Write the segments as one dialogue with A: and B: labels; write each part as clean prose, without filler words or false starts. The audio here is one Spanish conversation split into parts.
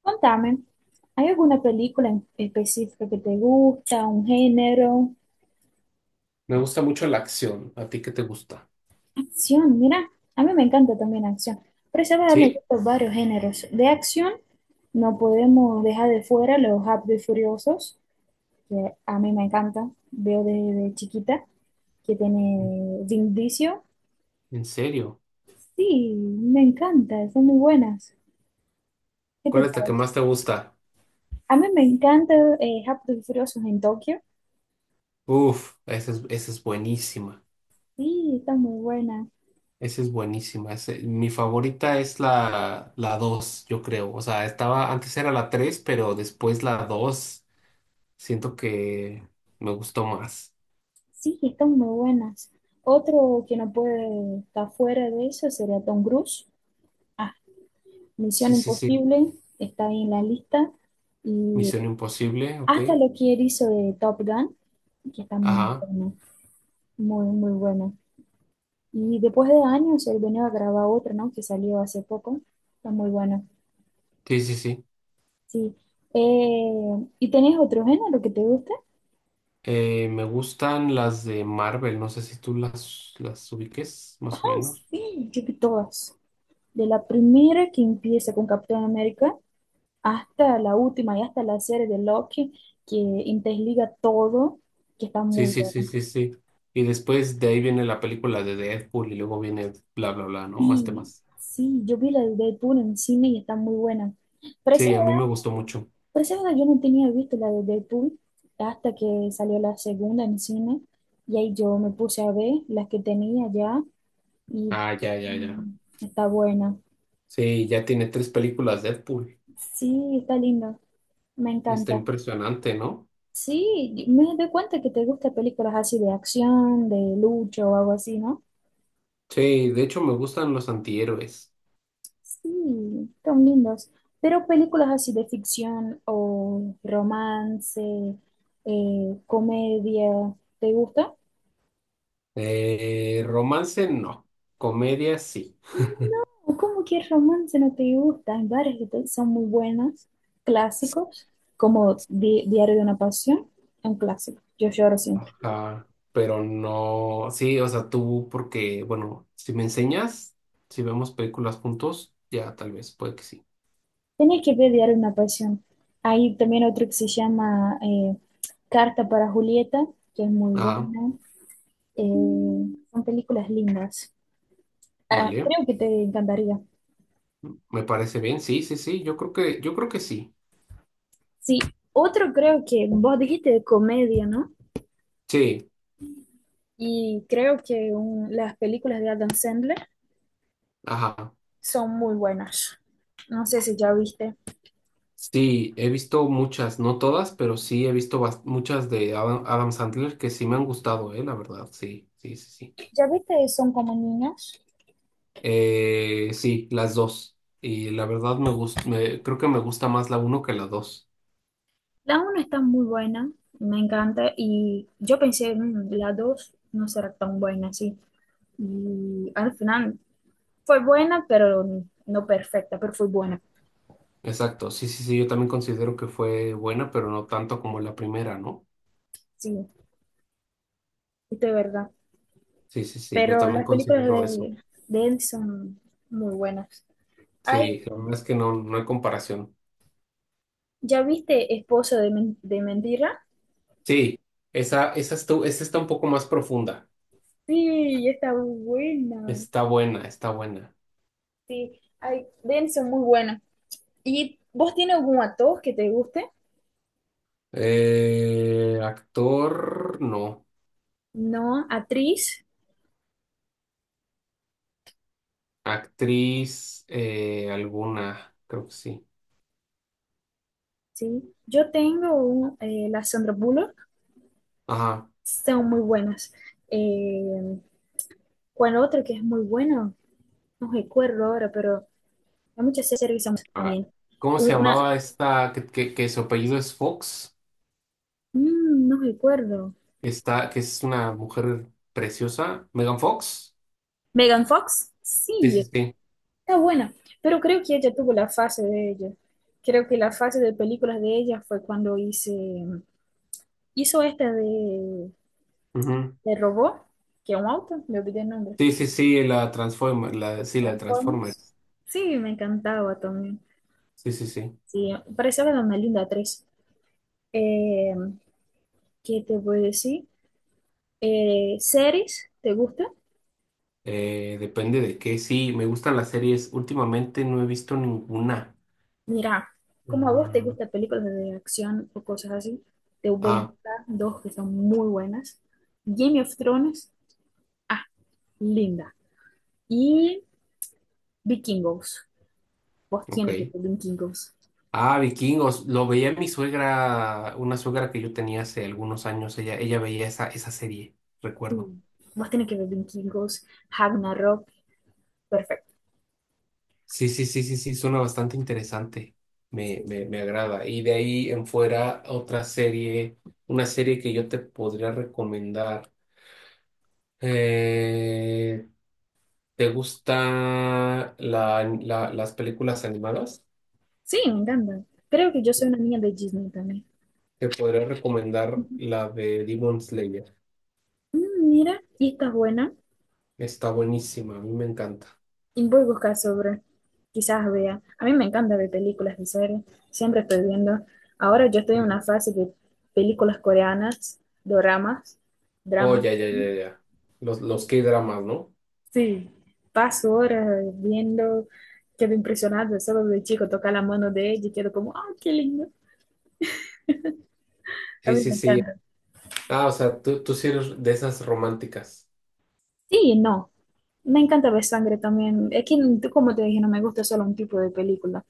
A: Contame, ¿hay alguna película en específica que te gusta, un género?
B: Me gusta mucho la acción. ¿A ti qué te gusta?
A: Acción, mira, a mí me encanta también acción, pero sabes, me
B: ¿Sí?
A: gustan varios géneros. De acción, no podemos dejar de fuera los Rápidos y Furiosos, que a mí me encanta, veo desde chiquita, que tiene Vin Diesel.
B: ¿En serio?
A: Sí, me encanta, son muy buenas. ¿Qué te
B: ¿Cuál es la que
A: parece?
B: más te gusta?
A: A mí me encanta Rápidos y Furiosos en Tokio.
B: Uf, esa es buenísima.
A: Sí, están muy buenas.
B: Esa es buenísima. Mi favorita es la 2 yo creo. O sea, estaba, antes era la 3 pero después la 2 siento que me gustó más.
A: Sí, están muy buenas. Otro que no puede estar fuera de eso sería Tom Cruise. Ah, Misión
B: Sí, sí, sí.
A: Imposible está ahí en la lista. Y
B: Misión Imposible, ok.
A: hasta lo que él hizo de Top Gun, que está muy
B: Ajá.
A: bueno, muy, muy bueno. Y después de años, él venía a grabar otro, ¿no? Que salió hace poco. Está muy bueno.
B: Sí, sí, sí.
A: Sí. Eh, ¿Y tenés otro género que te guste?
B: Me gustan las de Marvel. No sé si tú las ubiques,
A: Ah,
B: más o menos.
A: sí, yo vi todas. De la primera que empieza con Capitán América hasta la última y hasta la serie de Loki que interliga todo, que está
B: Sí,
A: muy
B: sí, sí,
A: buena.
B: sí, sí. Y después de ahí viene la película de Deadpool y luego viene bla, bla, bla, ¿no? Más
A: Y
B: temas.
A: sí, yo vi la de Deadpool en cine y está muy buena. Pero esa,
B: Sí, a mí me gustó mucho.
A: pero esa verdad, yo no tenía visto la de Deadpool hasta que salió la segunda en cine y ahí yo me puse a ver las que tenía ya y
B: Ah, ya, ya, ya.
A: mm, está buena.
B: Sí, ya tiene tres películas Deadpool.
A: Sí, está lindo, me
B: Está
A: encanta.
B: impresionante, ¿no?
A: Sí, me doy cuenta que te gustan películas así de acción, de lucha o algo así, ¿no?
B: Sí, de hecho me gustan los antihéroes.
A: Sí, son lindos. Pero películas así de ficción o romance, comedia, ¿te gusta?
B: Romance no, comedia sí.
A: No, ¿cómo que romance no te gusta? Hay varias que son muy buenas, clásicos, como Diario de una Pasión, un clásico. Yo lloro siempre.
B: Ajá, pero no, sí, o sea, tú porque, bueno, si me enseñas, si vemos películas juntos, ya tal vez, puede que sí.
A: Tenés que ver Diario de una Pasión. Hay también otro que se llama Carta para Julieta, que es muy
B: Ajá,
A: buena. Eh, Son películas lindas. Ah,
B: vale.
A: creo que te encantaría.
B: Me parece bien, sí, sí, sí, yo creo que sí.
A: Sí, otro creo que vos dijiste de comedia, ¿no?
B: Sí,
A: Y creo que las películas de Adam Sandler
B: ajá.
A: son muy buenas. No sé si ya viste.
B: Sí, he visto muchas, no todas, pero sí he visto muchas de Adam Sandler que sí me han gustado, la verdad, sí, sí, sí, sí.
A: ¿Ya viste? Son como niñas.
B: Sí, las dos. Y la verdad me gusta, creo que me gusta más la uno que la dos.
A: La 1 está muy buena, me encanta. Y yo pensé, "Mm, la 2 no será tan buena, sí." Y al final fue buena, pero no perfecta, pero fue buena.
B: Exacto, sí, sí, sí, yo también considero que fue buena, pero no tanto como la primera, ¿no?
A: Sí, esto es verdad.
B: Sí, sí, sí, yo
A: Pero
B: también
A: las películas
B: considero eso.
A: de él son muy buenas. Hay
B: Sí, la verdad es que no, no hay comparación.
A: ¿ya viste Esposo de, de Mentira?
B: Sí, esa está un poco más profunda.
A: Sí, está buena.
B: Está buena, está buena.
A: Sí, ay, denso, muy buena. ¿Y vos tienes algún actor que te guste?
B: Actor, no.
A: No, actriz,
B: Actriz, alguna, creo que sí.
A: sí. Yo tengo la Sandra Bullock,
B: Ajá.
A: son muy buenas. Eh, ¿Cuál otro que es muy bueno? No recuerdo ahora, pero hay muchas series que son
B: Ah,
A: también.
B: ¿cómo se
A: Una,
B: llamaba esta que su apellido es Fox?
A: mm, no recuerdo.
B: Está, que es una mujer preciosa. ¿Megan Fox?
A: ¿Megan Fox?
B: Sí, sí,
A: Sí,
B: sí.
A: está buena, pero creo que ella tuvo la fase de ella. Creo que la fase de películas de ella fue cuando hizo esta
B: Ujú.
A: de robot, que es un auto, me olvidé el nombre.
B: Sí, sí, sí, la Transformers, la, sí, la de
A: Transformers.
B: Transformers.
A: Sí, me encantaba también.
B: Sí, sí, sí.
A: Sí, parecía de una linda actriz. Eh, ¿Qué te voy a decir? ¿Series? ¿Te gusta?
B: Depende de qué. Sí, me gustan las series. Últimamente no he visto ninguna.
A: Mira, como a vos te
B: Mm.
A: gustan películas de acción o cosas así, te voy a
B: Ah,
A: dar dos que son muy buenas. Game of Thrones, ah, linda. Y Vikingos. Vos
B: ok.
A: tiene que ver Vikingos.
B: Ah, Vikingos. Lo veía mi suegra, una suegra que yo tenía hace algunos años. Ella veía esa serie, recuerdo.
A: Sí, vos tenés que ver Vikingos, Ragnarok. Perfecto.
B: Sí, sí, sí, sí, sí, suena bastante interesante. Me,
A: Sí.
B: me, me agrada. Y de ahí en fuera, otra serie, una serie que yo te podría recomendar. Eh, ¿Te gustan las películas animadas?
A: Sí, me encanta. Creo que yo soy una niña de Disney también.
B: Te podría recomendar
A: Ujú.
B: la de Demon Slayer.
A: Mm, mira, y está buena.
B: Está buenísima, a mí me encanta.
A: Y voy a buscar sobre. Quizás vea. A mí me encanta ver películas y series. Siempre estoy viendo. Ahora yo estoy en
B: Sí.
A: una fase de películas coreanas, doramas,
B: Oh,
A: dramas.
B: ya, ya, ya, ya. Los K-dramas, ¿no?
A: Sí, paso horas viendo, quedo impresionada, solo de chico tocar la mano de ella y quedo como, ¡ah, qué lindo! A
B: Sí,
A: mí
B: sí,
A: me
B: sí.
A: encanta.
B: Ah, o sea, tú sí eres de esas románticas.
A: Sí, no, me encanta ver sangre también. Es que, tú, como te dije, no me gusta solo un tipo de película.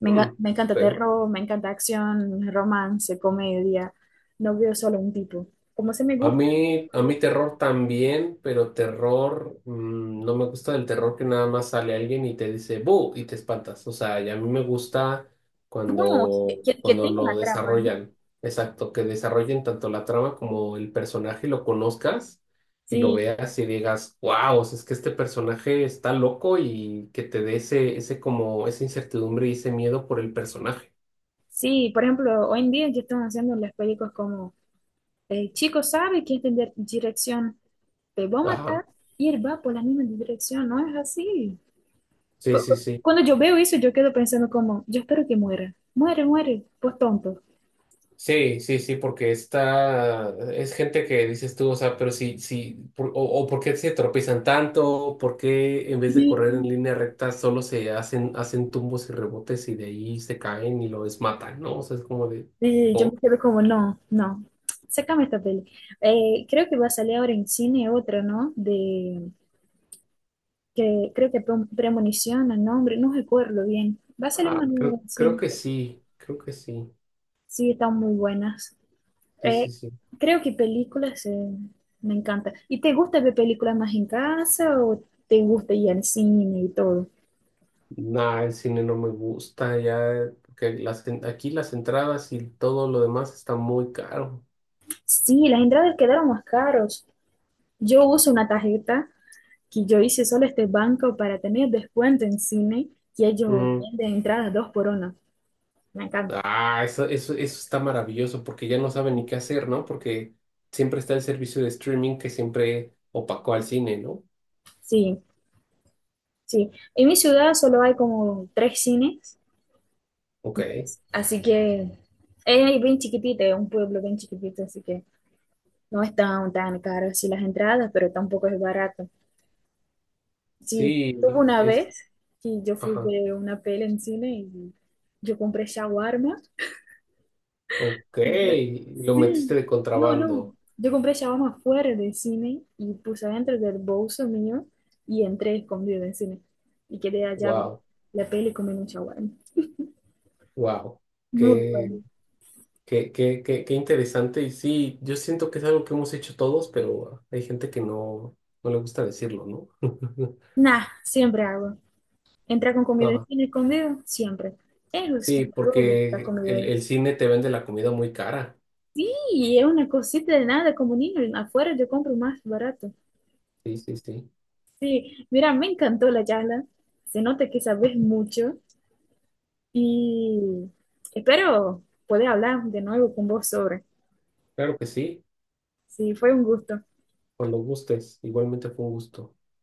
B: Hmm,
A: Me encanta
B: ok.
A: terror, me encanta acción, romance, comedia. No veo solo un tipo. Como se me
B: A
A: gusta.
B: mí, a
A: Pues, ¿eh?
B: mí terror también, pero terror, mm, no me gusta el terror que nada más sale alguien y te dice ¡bu! Y te espantas. O sea, y a mí me gusta
A: No,
B: cuando,
A: que
B: cuando
A: tenga
B: lo
A: una trama, ¿no?
B: desarrollan. Exacto, que desarrollen tanto la trama como el personaje, lo conozcas y lo
A: Sí,
B: veas y digas, wow, es que este personaje está loco y que te dé ese como, esa incertidumbre y ese miedo por el personaje.
A: sí, por ejemplo, hoy en día que están haciendo las películas como, el chico sabe que es de dirección te va a
B: Ajá,
A: matar y él va por la misma dirección, no es así. Cu-
B: sí,
A: cu-
B: sí, sí.
A: Cuando yo veo eso, yo quedo pensando como, yo espero que muera, muere, muere, por tonto.
B: Sí, sí, sí, porque está, es gente que dices tú, o sea, pero sí, sí, o por qué se tropiezan tanto, por qué en vez de correr en
A: Y
B: línea recta solo se hacen, hacen tumbos y rebotes y de ahí se caen y lo desmatan, ¿no? O sea, es como de,
A: y yo
B: "Oh,
A: me quedo como, no, no, sácame esta peli. Creo que va a salir ahora en cine otra, ¿no? De, que creo que premonición, el nombre, no recuerdo bien. Va a salir
B: ah,
A: una
B: creo,
A: nueva en cine.
B: creo que sí,
A: Sí, están muy buenas.
B: sí,
A: Eh,
B: sí, sí".
A: Creo que películas me encanta. ¿Y te gusta ver películas más en casa o te gusta ir al cine y todo?
B: Nah, el cine no me gusta ya, porque las, aquí las entradas y todo lo demás está muy caro.
A: Sí, las entradas quedaron más caros. Yo uso una tarjeta que yo hice solo este banco para tener descuento en cine y ellos
B: Mm.
A: venden entradas dos por una. Me encanta.
B: Ah, eso está maravilloso porque ya no saben ni qué hacer, ¿no? Porque siempre está el servicio de streaming que siempre opacó al cine, ¿no?
A: Sí, sí. En mi ciudad solo hay como tres cines,
B: Ok.
A: y- así que es bien chiquitito, es un pueblo bien chiquitito, así que no están tan caras sí, las entradas, pero tampoco es barato. Sí, tuve
B: Sí,
A: una
B: es.
A: vez que yo fui
B: Ajá.
A: de una peli en cine y yo compré shawarma.
B: Ok.
A: Y yo,
B: Lo metiste
A: sí,
B: de
A: no, no.
B: contrabando.
A: Yo compré shawarma fuera del cine y puse dentro del bolso mío y entré escondido en cine. Y quedé allá ver
B: Wow,
A: la peli comiendo shawarma.
B: wow.
A: Muy
B: Qué,
A: bueno.
B: qué interesante. Y sí, yo siento que es algo que hemos hecho todos, pero hay gente que no, no le gusta decirlo, ¿no?
A: Nah, siempre hago. Entrar con comida en
B: No.
A: cine escondido, siempre. Eso es
B: Sí,
A: un robo, la
B: porque el,
A: comida.
B: el cine te vende la comida muy cara.
A: Sí, es una cosita de nada, como niño, afuera yo compro más barato.
B: Sí, sí, sí.
A: Sí, mira, me encantó la charla. Se nota que sabes mucho y espero poder hablar de nuevo con vos sobre.
B: Claro que sí,
A: Sí, fue un gusto.
B: cuando gustes. Igualmente fue un gusto.